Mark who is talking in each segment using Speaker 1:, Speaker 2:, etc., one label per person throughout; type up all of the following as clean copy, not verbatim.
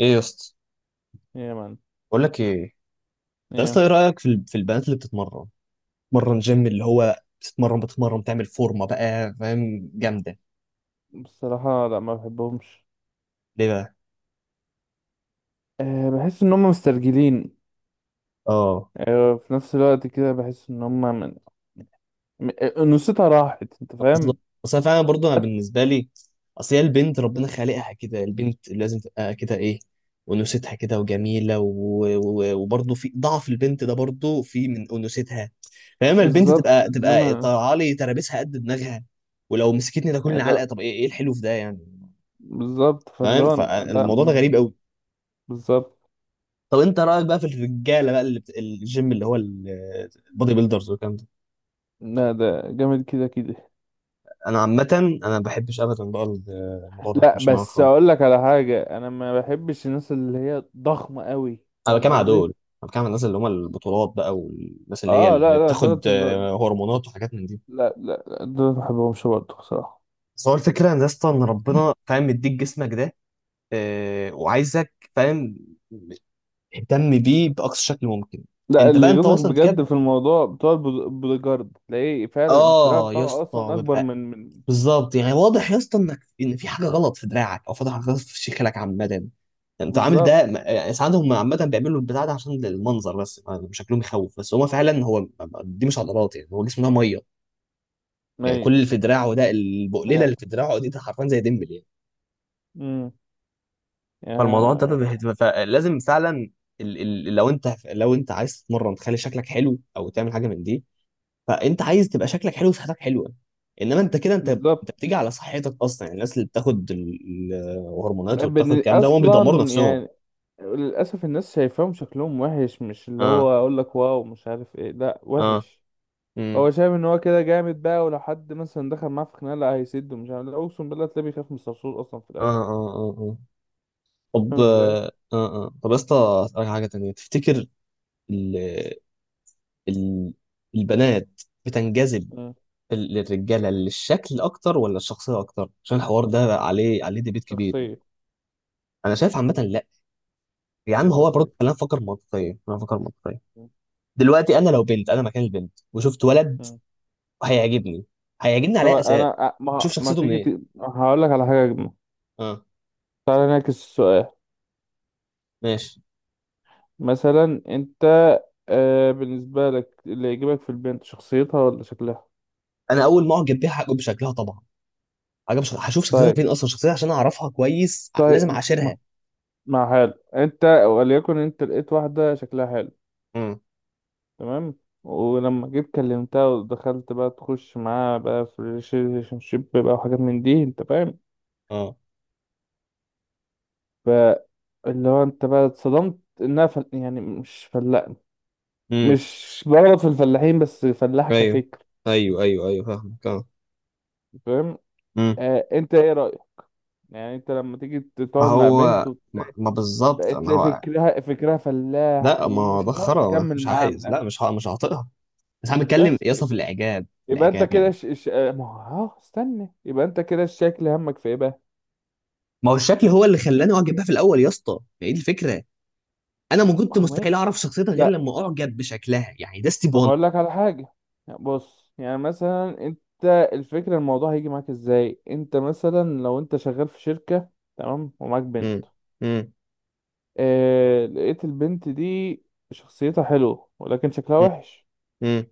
Speaker 1: ايه يا اسطى؟
Speaker 2: إيه يا مان.
Speaker 1: بقول لك ايه يا اسطى،
Speaker 2: يا...
Speaker 1: ايه رايك في في البنات اللي بتتمرن، بتتمرن جيم؟ اللي هو بتتمرن تعمل فورمه بقى، فاهم؟ جامده.
Speaker 2: بصراحة لا، ما بحبهمش.
Speaker 1: ليه بقى؟
Speaker 2: بحس ان هم مسترجلين.
Speaker 1: اه،
Speaker 2: في نفس الوقت كده بحس ان هم من انوثتها راحت، انت
Speaker 1: بالظبط.
Speaker 2: فاهم.
Speaker 1: بس انا فعلا برضه، انا بالنسبه لي، اصل هي البنت ربنا خالقها كده، البنت لازم تبقى كده، ايه، انوثتها كده وجميله وبرضه في ضعف البنت ده برضه في من انوثتها. فاما البنت
Speaker 2: بالظبط،
Speaker 1: تبقى
Speaker 2: انما.
Speaker 1: طالعه لي ترابيسها قد دماغها، ولو مسكتني ده كل
Speaker 2: يعني لا.
Speaker 1: علقه، طب ايه الحلو في ده يعني؟
Speaker 2: بالظبط، فاللي
Speaker 1: فاهم؟
Speaker 2: هو. لا
Speaker 1: فالموضوع ده غريب قوي.
Speaker 2: بالظبط.
Speaker 1: طب انت رايك بقى في الرجاله بقى الجيم، اللي هو البودي بيلدرز والكلام ده؟
Speaker 2: لا، ده جامد كده كده.
Speaker 1: انا عامه انا ما بحبش ابدا بقى، الموضوع ده
Speaker 2: لا
Speaker 1: مش معاك
Speaker 2: بس
Speaker 1: خالص.
Speaker 2: اقول لك على حاجة، انا ما بحبش الناس اللي هي ضخمة قوي.
Speaker 1: انا
Speaker 2: فاهم
Speaker 1: بتكلم على
Speaker 2: قصدي.
Speaker 1: دول، انا بتكلم على الناس اللي هم البطولات بقى، والناس اللي هي
Speaker 2: اه
Speaker 1: اللي
Speaker 2: لا لا، دولت
Speaker 1: بتاخد
Speaker 2: لا.
Speaker 1: هرمونات وحاجات من دي.
Speaker 2: لا لا، لا دولت ما بحبهمش برضه بصراحة.
Speaker 1: بس هو الفكره ان يا اسطى ان ربنا فاهم مديك جسمك ده، وعايزك، فاهم، اهتم بيه باقصى شكل ممكن.
Speaker 2: لا،
Speaker 1: انت
Speaker 2: اللي
Speaker 1: بقى انت
Speaker 2: يغيظك
Speaker 1: وصلت
Speaker 2: بجد
Speaker 1: كده؟
Speaker 2: في الموضوع بتوع بوديجارد، تلاقيه فعلا الدراع
Speaker 1: اه يا
Speaker 2: بتاعه اصلا
Speaker 1: اسطى،
Speaker 2: اكبر
Speaker 1: ببقى
Speaker 2: من.
Speaker 1: بالظبط يعني واضح يا اسطى انك، ان في حاجه غلط في دراعك او في حاجه غلط في شكلك عامه يعني، انت عامل ده.
Speaker 2: بالظبط.
Speaker 1: يعني ساعات هم عامه بيعملوا البتاع ده عشان المنظر بس، يعني شكلهم يخوف بس، هو فعلا هو دي مش عضلات، يعني هو جسمه ده ميه. يعني كل
Speaker 2: ايوه.
Speaker 1: اللي في دراعه ده، البقليله اللي في دراعه دي، ده حرفيا زي ديمبل يعني.
Speaker 2: امم. يا-
Speaker 1: فلازم فعلا ال- لو انت لو انت عايز تتمرن تخلي شكلك حلو او تعمل حاجه من دي، فانت عايز تبقى شكلك حلو وصحتك حلوه. انما انت كده، انت
Speaker 2: بالظبط.
Speaker 1: بتيجي على صحتك اصلا. يعني الناس اللي بتاخد الهرمونات وبتاخد الكلام ده، هم بيدمروا
Speaker 2: اصلا
Speaker 1: نفسهم.
Speaker 2: يعني للاسف الناس شايفاهم شكلهم وحش، مش اللي هو
Speaker 1: اه.
Speaker 2: اقول لك واو مش عارف ايه، لا
Speaker 1: اه.
Speaker 2: وحش.
Speaker 1: امم
Speaker 2: هو شايف ان هو كده جامد بقى، ولو حد مثلا دخل معاه في خناقه لا هيسده، مش عارف، لا اقسم بالله تلاقيه بيخاف من الصرصور اصلا في
Speaker 1: اه،
Speaker 2: الاخر.
Speaker 1: اه، اه، اه. طب،
Speaker 2: فاهم ازاي.
Speaker 1: اه. اه. آه. طب يا اسطى، اسالك حاجه تانية، تفتكر ال ال البنات بتنجذب
Speaker 2: امم.
Speaker 1: للرجاله للشكل اكتر ولا الشخصيه اكتر؟ عشان الحوار ده عليه ديبيت كبير يعني.
Speaker 2: شخصيه.
Speaker 1: انا شايف عامه لا، يا
Speaker 2: لا
Speaker 1: عم هو برضه
Speaker 2: شخصيه.
Speaker 1: خلينا نفكر منطقيا، خلينا نفكر منطقيا. دلوقتي انا لو بنت، انا مكان البنت وشفت ولد،
Speaker 2: مم.
Speaker 1: هيعجبني، هيعجبني على
Speaker 2: طب
Speaker 1: اي اساس؟
Speaker 2: انا
Speaker 1: شوف
Speaker 2: ما
Speaker 1: شخصيته
Speaker 2: تيجي
Speaker 1: منين.
Speaker 2: هقول لك على حاجه اجمل.
Speaker 1: اه،
Speaker 2: تعالى نعكس السؤال.
Speaker 1: ماشي.
Speaker 2: مثلا انت، بالنسبه لك اللي يعجبك في البنت شخصيتها ولا شكلها؟
Speaker 1: انا اول ما اعجب بيها هعجب بشكلها طبعا. هشوف شخصيتها
Speaker 2: طيب.
Speaker 1: فين اصلا؟ شخصيتها عشان اعرفها كويس، لازم
Speaker 2: طيب
Speaker 1: اعاشرها.
Speaker 2: ما حلو. انت وليكن انت لقيت واحده شكلها حلو.
Speaker 1: امم.
Speaker 2: تمام. ولما جيت كلمتها ودخلت بقى تخش معاها بقى في ريليشن شيب بقى وحاجات من دي، انت فاهم.
Speaker 1: اه.
Speaker 2: فاللي هو انت بقى اتصدمت انها يعني مش فلاح.
Speaker 1: امم.
Speaker 2: مش بغلط في الفلاحين بس فلاح
Speaker 1: ايوه،
Speaker 2: كفكر.
Speaker 1: ايوه، ايوه، ايوه، فاهمك. اه.
Speaker 2: فاهم.
Speaker 1: امم.
Speaker 2: انت ايه رأيك؟ يعني انت لما تيجي
Speaker 1: ما
Speaker 2: تقعد مع
Speaker 1: هو
Speaker 2: بنت
Speaker 1: ما, ما
Speaker 2: وتلاقي،
Speaker 1: بالظبط، ما هو.
Speaker 2: فكرها فكرها فلاح،
Speaker 1: لا ما هو
Speaker 2: ومش
Speaker 1: ده
Speaker 2: هتعرف
Speaker 1: خرا،
Speaker 2: تكمل
Speaker 1: مش
Speaker 2: معاها من
Speaker 1: عايز،
Speaker 2: الاخر.
Speaker 1: لا مش مش هعطيها. بس انا بتكلم
Speaker 2: بس
Speaker 1: يا اسطى في الاعجاب، في
Speaker 2: يبقى انت
Speaker 1: الاعجاب
Speaker 2: كده
Speaker 1: يعني.
Speaker 2: ش... ش... آه، ما هو استنى، يبقى انت كده الشكل همك في ايه بقى؟
Speaker 1: ما هو الشكل هو اللي خلاني اعجب بيها في الاول يا اسطى، هي دي الفكره. انا ما
Speaker 2: ما
Speaker 1: كنت
Speaker 2: هو ماشي.
Speaker 1: مستحيل اعرف شخصيتها غير
Speaker 2: لا،
Speaker 1: لما اعجب بشكلها، يعني ده ستيب
Speaker 2: ما
Speaker 1: 1.
Speaker 2: هقول لك على حاجة. يعني بص، يعني مثلا انت الفكرة، الموضوع هيجي معاك ازاي. انت مثلا لو انت شغال في شركة، تمام، ومعاك بنت،
Speaker 1: امم. امم.
Speaker 2: اه... لقيت البنت دي شخصيتها حلوة ولكن شكلها وحش.
Speaker 1: امم.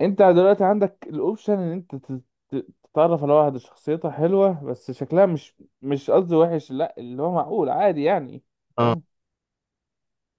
Speaker 2: انت دلوقتي عندك الاوبشن ان انت تتعرف على واحد شخصيتها حلوة بس شكلها مش، مش قصدي وحش لا، اللي هو معقول عادي يعني.
Speaker 1: اه،
Speaker 2: فاهم؟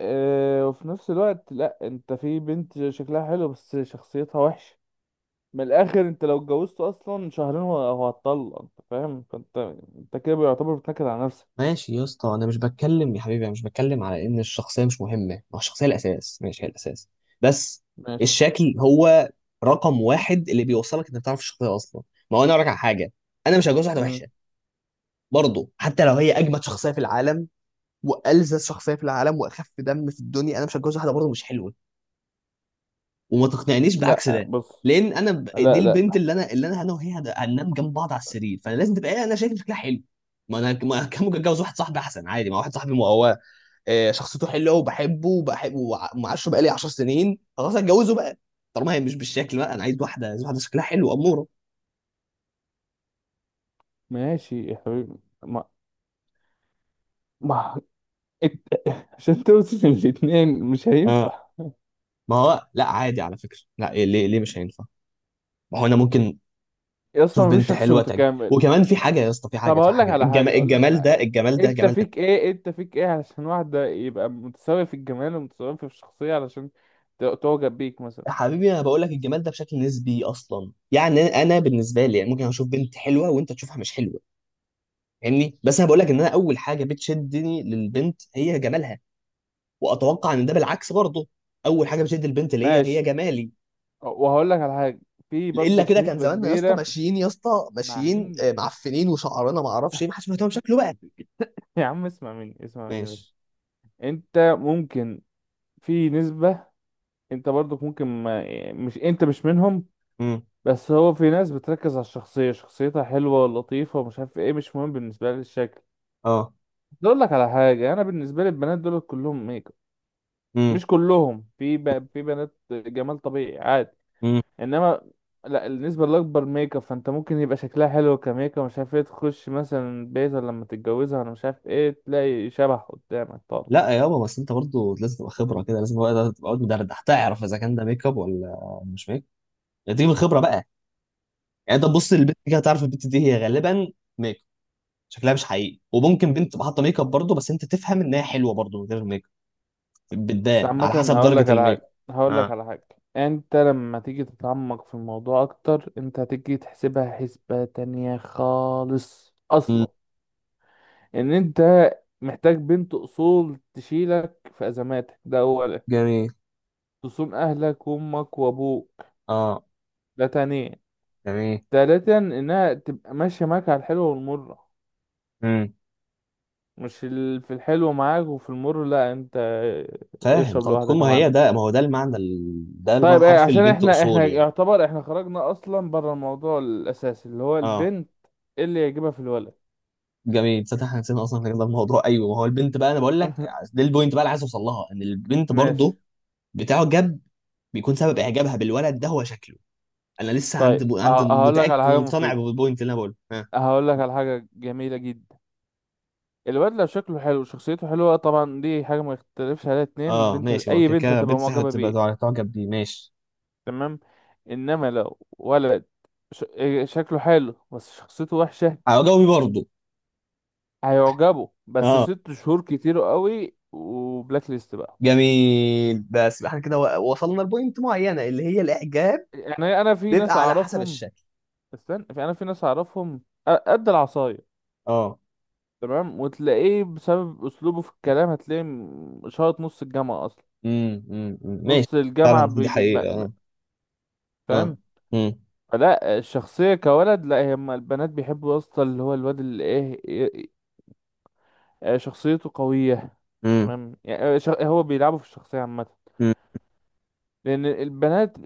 Speaker 2: اه. وفي نفس الوقت لا، انت في بنت شكلها حلو بس شخصيتها وحشة. من الاخر انت لو اتجوزت اصلا شهرين هو هتطلق، انت فاهم، فانت انت كده بيعتبر بتنكد على نفسك.
Speaker 1: ماشي يا اسطى. انا مش بتكلم يا حبيبي، انا مش بتكلم على ان الشخصيه مش مهمه، ما هو الشخصيه الاساس، ماشي، هي الاساس. بس
Speaker 2: ماشي.
Speaker 1: الشكل هو رقم واحد اللي بيوصلك انك تعرف الشخصيه اصلا. ما هو انا اقول لك على حاجه، انا مش هتجوز واحده
Speaker 2: مم.
Speaker 1: وحشه، برضه حتى لو هي اجمد شخصيه في العالم والذ شخصيه في العالم واخف دم في الدنيا، انا مش هتجوز واحده برضه مش حلوه. وما تقنعنيش بعكس
Speaker 2: لا
Speaker 1: ده،
Speaker 2: بص.
Speaker 1: لان دي
Speaker 2: لا لا
Speaker 1: البنت
Speaker 2: لا.
Speaker 1: اللي انا، وهي هننام جنب بعض على السرير، فانا لازم تبقى انا شايف شكلها حلو. ما انا ما أنا كان ممكن اتجوز واحد صاحبي احسن عادي، ما واحد صاحبي ما هو شخصيته حلوه وبحبه وبحبه ومعاشره بقالي 10 سنين، خلاص هتجوزه بقى. طالما هي مش بالشكل بقى، انا عايز واحده، عايز واحده شكلها حلو اموره.
Speaker 2: ماشي يا حبيبي. ما. ما. عشان توصل الاتنين مش
Speaker 1: اه.
Speaker 2: هينفع.
Speaker 1: ما هو لا عادي على فكره، لا، ليه ليه مش هينفع؟ ما هو انا ممكن
Speaker 2: يا اسطى
Speaker 1: اشوف
Speaker 2: مفيش
Speaker 1: بنت
Speaker 2: شخص
Speaker 1: حلوه، تعجب،
Speaker 2: متكامل.
Speaker 1: وكمان في حاجه يا اسطى، في
Speaker 2: طب
Speaker 1: حاجه، في
Speaker 2: هقول لك
Speaker 1: حاجه،
Speaker 2: على
Speaker 1: الجمال،
Speaker 2: حاجه، اقول لك
Speaker 1: الجمال
Speaker 2: على
Speaker 1: ده،
Speaker 2: إيه.
Speaker 1: الجمال ده
Speaker 2: انت
Speaker 1: جمال.
Speaker 2: فيك ايه، انت فيك ايه علشان واحده يبقى متساوي في الجمال ومتساوي في الشخصيه، علشان تعجب بيك مثلا؟
Speaker 1: حبيبي انا بقول لك الجمال ده بشكل نسبي اصلا، يعني انا بالنسبه لي يعني ممكن اشوف بنت حلوه وانت تشوفها مش حلوه، فاهمني؟ بس انا بقول لك ان انا اول حاجه بتشدني للبنت هي جمالها. واتوقع ان ده بالعكس برضه، اول حاجه بتشد البنت ليا هي
Speaker 2: ماشي،
Speaker 1: جمالي.
Speaker 2: وهقول لك على حاجه، في
Speaker 1: الا
Speaker 2: برضو
Speaker 1: كده كان
Speaker 2: نسبه
Speaker 1: زماننا يا اسطى
Speaker 2: كبيره.
Speaker 1: ماشيين، يا اسطى
Speaker 2: مع
Speaker 1: ماشيين
Speaker 2: مني
Speaker 1: معفنين وشعرنا ما اعرفش ايه، ما حدش مهتم بشكله بقى.
Speaker 2: يا عم اسمع مني، اسمع مني بس.
Speaker 1: ماشي.
Speaker 2: انت ممكن، في نسبة، انت برضك ممكن، ما يعني مش انت مش منهم.
Speaker 1: امم.
Speaker 2: بس هو في ناس بتركز على الشخصية، شخصيتها حلوة لطيفة ومش عارف ايه، مش مهم بالنسبة لها الشكل.
Speaker 1: اه.
Speaker 2: اقول لك على حاجه، انا بالنسبه لي البنات دول كلهم ميك اب.
Speaker 1: امم.
Speaker 2: مش كلهم، في في بنات جمال طبيعي عادي.
Speaker 1: امم.
Speaker 2: انما لا، النسبه الاكبر ميك اب، فانت ممكن يبقى شكلها حلو كميك اب مش عارف ايه، تخش مثلا بيت ولا لما تتجوزها ولا مش عارف ايه، تلاقي شبح قدامك طالع.
Speaker 1: لا يا بابا، بس انت برضه لازم تبقى خبره كده، لازم تبقى قاعد مدردح تعرف اذا كان ده ميك اب ولا مش ميك اب. تيجي من الخبره بقى، يعني انت تبص للبنت كده تعرف البنت دي هي غالبا ميك اب، شكلها مش حقيقي. وممكن بنت تبقى حاطه ميك اب برضه، بس انت تفهم ان هي حلوه برضه من غير ميك اب،
Speaker 2: بس
Speaker 1: بتبان على
Speaker 2: عامه
Speaker 1: حسب درجه الميك اب.
Speaker 2: هقول لك
Speaker 1: اه.
Speaker 2: على حاجه، انت لما تيجي تتعمق في الموضوع اكتر انت هتيجي تحسبها حسبه تانية خالص
Speaker 1: مم.
Speaker 2: اصلا. ان انت محتاج بنت اصول تشيلك في ازماتك، ده اولا.
Speaker 1: جميل.
Speaker 2: تصون اهلك وامك وابوك،
Speaker 1: اه.
Speaker 2: ده تانيا.
Speaker 1: جميل.
Speaker 2: تالتا، انها تبقى ماشيه معاك على الحلوه والمره.
Speaker 1: امم.
Speaker 2: مش في الحلو معاك وفي المر لا، انت
Speaker 1: فاهم.
Speaker 2: اشرب
Speaker 1: طب تكون،
Speaker 2: لوحدك يا
Speaker 1: ما هي
Speaker 2: معلم.
Speaker 1: ده، ما هو ده المعنى ده المعنى
Speaker 2: طيب ايه،
Speaker 1: الحرفي
Speaker 2: عشان
Speaker 1: للبنت
Speaker 2: احنا
Speaker 1: اصول يعني.
Speaker 2: يعتبر احنا خرجنا اصلا بره الموضوع الاساسي اللي هو
Speaker 1: اه.
Speaker 2: البنت اللي يعجبها في الولد.
Speaker 1: جميل، تصدق احنا نسينا اصلا كده الموضوع؟ ايوه، ما هو البنت بقى انا بقول لك، ده البوينت بقى اللي عايز اوصل لها، ان البنت
Speaker 2: ماشي.
Speaker 1: برضه بتعجب، بيكون سبب اعجابها بالولد ده هو شكله. انا لسه
Speaker 2: طيب
Speaker 1: عند،
Speaker 2: هقول لك
Speaker 1: متاكد
Speaker 2: على حاجه
Speaker 1: ومقتنع
Speaker 2: مفيده،
Speaker 1: بالبوينت اللي انا بقوله. ها،
Speaker 2: هقول لك على حاجه جميله جدا. الواد لو شكله حلو وشخصيته حلوة طبعا دي حاجة ما يختلفش عليها اتنين،
Speaker 1: اه،
Speaker 2: البنت
Speaker 1: ماشي. هو
Speaker 2: أي
Speaker 1: كده
Speaker 2: بنت
Speaker 1: كده
Speaker 2: هتبقى
Speaker 1: بنت
Speaker 2: معجبة
Speaker 1: هتبقى
Speaker 2: بيه.
Speaker 1: تعجب بيه، ماشي.
Speaker 2: تمام. إنما لو ولد إيه شكله حلو بس شخصيته وحشة،
Speaker 1: هجاوبي برضه.
Speaker 2: هيعجبه بس
Speaker 1: اه.
Speaker 2: ست شهور كتير قوي وبلاك ليست بقى.
Speaker 1: جميل، بس يبقى احنا كده وصلنا لبوينت معينه، اللي هي الاعجاب
Speaker 2: يعني أنا في ناس
Speaker 1: بيبقى على حسب
Speaker 2: أعرفهم.
Speaker 1: الشكل.
Speaker 2: استنى، في، أنا في ناس أعرفهم قد العصاية،
Speaker 1: اه.
Speaker 2: تمام، وتلاقيه بسبب أسلوبه في الكلام هتلاقيه شاط نص الجامعة أصلا،
Speaker 1: امم. امم. أمم. ماشي.
Speaker 2: نص الجامعة
Speaker 1: فعلا دي حقيقه، اه. اه.
Speaker 2: فاهم.
Speaker 1: امم.
Speaker 2: لا الشخصية كولد لا، هما البنات بيحبوا يا اسطى اللي هو الواد اللي ايه، إيه- إيه، شخصيته قوية.
Speaker 1: امم.
Speaker 2: تمام يعني هو بيلعبوا في الشخصية عامة.
Speaker 1: أمم.
Speaker 2: لأن البنات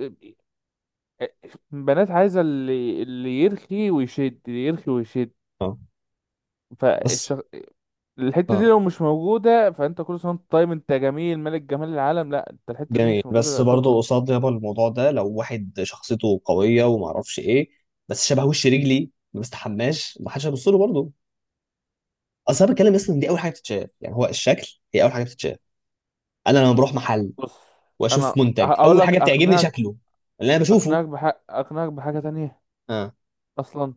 Speaker 2: آه، البنات عايزة اللي يرخي ويشد، اللي يرخي ويشد.
Speaker 1: اه. بس.
Speaker 2: فالشخ... الحتة دي
Speaker 1: اه.
Speaker 2: لو مش موجودة فأنت كل سنة وأنت طيب، أنت جميل ملك جمال العالم، لا، أنت الحتة دي
Speaker 1: جميل،
Speaker 2: مش موجودة
Speaker 1: بس
Speaker 2: لا شكرا.
Speaker 1: برضه قصاد يابا الموضوع ده، لو واحد شخصيته قويه وما اعرفش ايه، بس شبه وش رجلي، ما بستحماش، ما حدش هيبص له برضه. اصل انا بتكلم اصلا إن دي اول حاجه بتتشاف، يعني هو الشكل هي اول حاجه بتتشاف. انا لما بروح محل
Speaker 2: بص، أنا
Speaker 1: واشوف منتج،
Speaker 2: أقول
Speaker 1: اول
Speaker 2: لك،
Speaker 1: حاجه بتعجبني
Speaker 2: أقنعك،
Speaker 1: شكله، اللي انا بشوفه.
Speaker 2: أقنعك بحق، أقنعك بحاجة تانية
Speaker 1: اه.
Speaker 2: أصلا.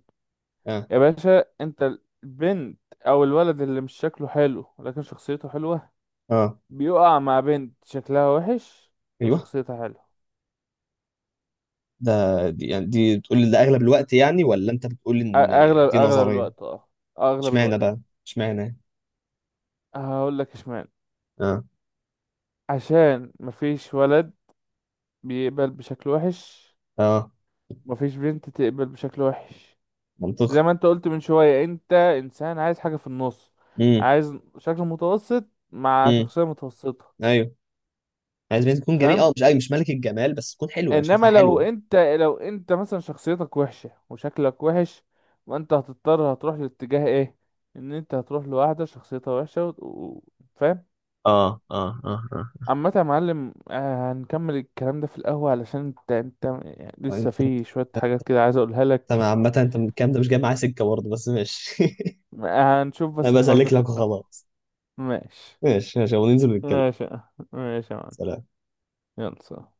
Speaker 1: اه.
Speaker 2: يا باشا انت، البنت او الولد اللي مش شكله حلو لكن شخصيته حلوة
Speaker 1: اه.
Speaker 2: بيقع مع بنت شكلها وحش
Speaker 1: ايوه.
Speaker 2: وشخصيتها حلوة.
Speaker 1: ده، دي يعني دي بتقول لي ده اغلب الوقت يعني، ولا انت بتقول ان
Speaker 2: اغلب
Speaker 1: دي
Speaker 2: اغلب
Speaker 1: نظريه؟
Speaker 2: الوقت، اه، اغلب
Speaker 1: اشمعنى
Speaker 2: الوقت.
Speaker 1: بقى؟ اشمعنى؟
Speaker 2: هقول لك اشمعنى.
Speaker 1: اه.
Speaker 2: عشان مفيش ولد بيقبل بشكل وحش،
Speaker 1: اه.
Speaker 2: مفيش بنت تقبل بشكل وحش.
Speaker 1: منطقي.
Speaker 2: زي ما انت قلت من شوية، انت انسان عايز حاجة في النص،
Speaker 1: امم.
Speaker 2: عايز شكل متوسط مع
Speaker 1: امم.
Speaker 2: شخصية متوسطة.
Speaker 1: ايوه. عايز بنت تكون جميل
Speaker 2: فاهم.
Speaker 1: اه، مش أيوة مش ملك الجمال، بس تكون حلوه، انا شايفها
Speaker 2: انما لو
Speaker 1: حلوه.
Speaker 2: انت مثلا شخصيتك وحشة وشكلك وحش، وانت هتضطر هتروح لاتجاه ايه؟ ان انت هتروح لواحدة شخصيتها وحشة فاهم.
Speaker 1: اه. اه. اه. اه.
Speaker 2: عامة يا معلم، هنكمل الكلام ده في القهوة علشان انت يعني لسه
Speaker 1: انت انت-
Speaker 2: في شوية حاجات كده عايز اقولها لك.
Speaker 1: عامة انت من الكلام ده مش جاي معايا سكة برضه، بس ماشي.
Speaker 2: هنشوف
Speaker 1: انا
Speaker 2: بس الحوار ده
Speaker 1: بسلك
Speaker 2: في
Speaker 1: لك
Speaker 2: القهوة.
Speaker 1: وخلاص.
Speaker 2: ماشي.
Speaker 1: ماشي، ماشي، وننزل نتكلم.
Speaker 2: ماشي يا معلم.
Speaker 1: سلام.
Speaker 2: يلا سلام.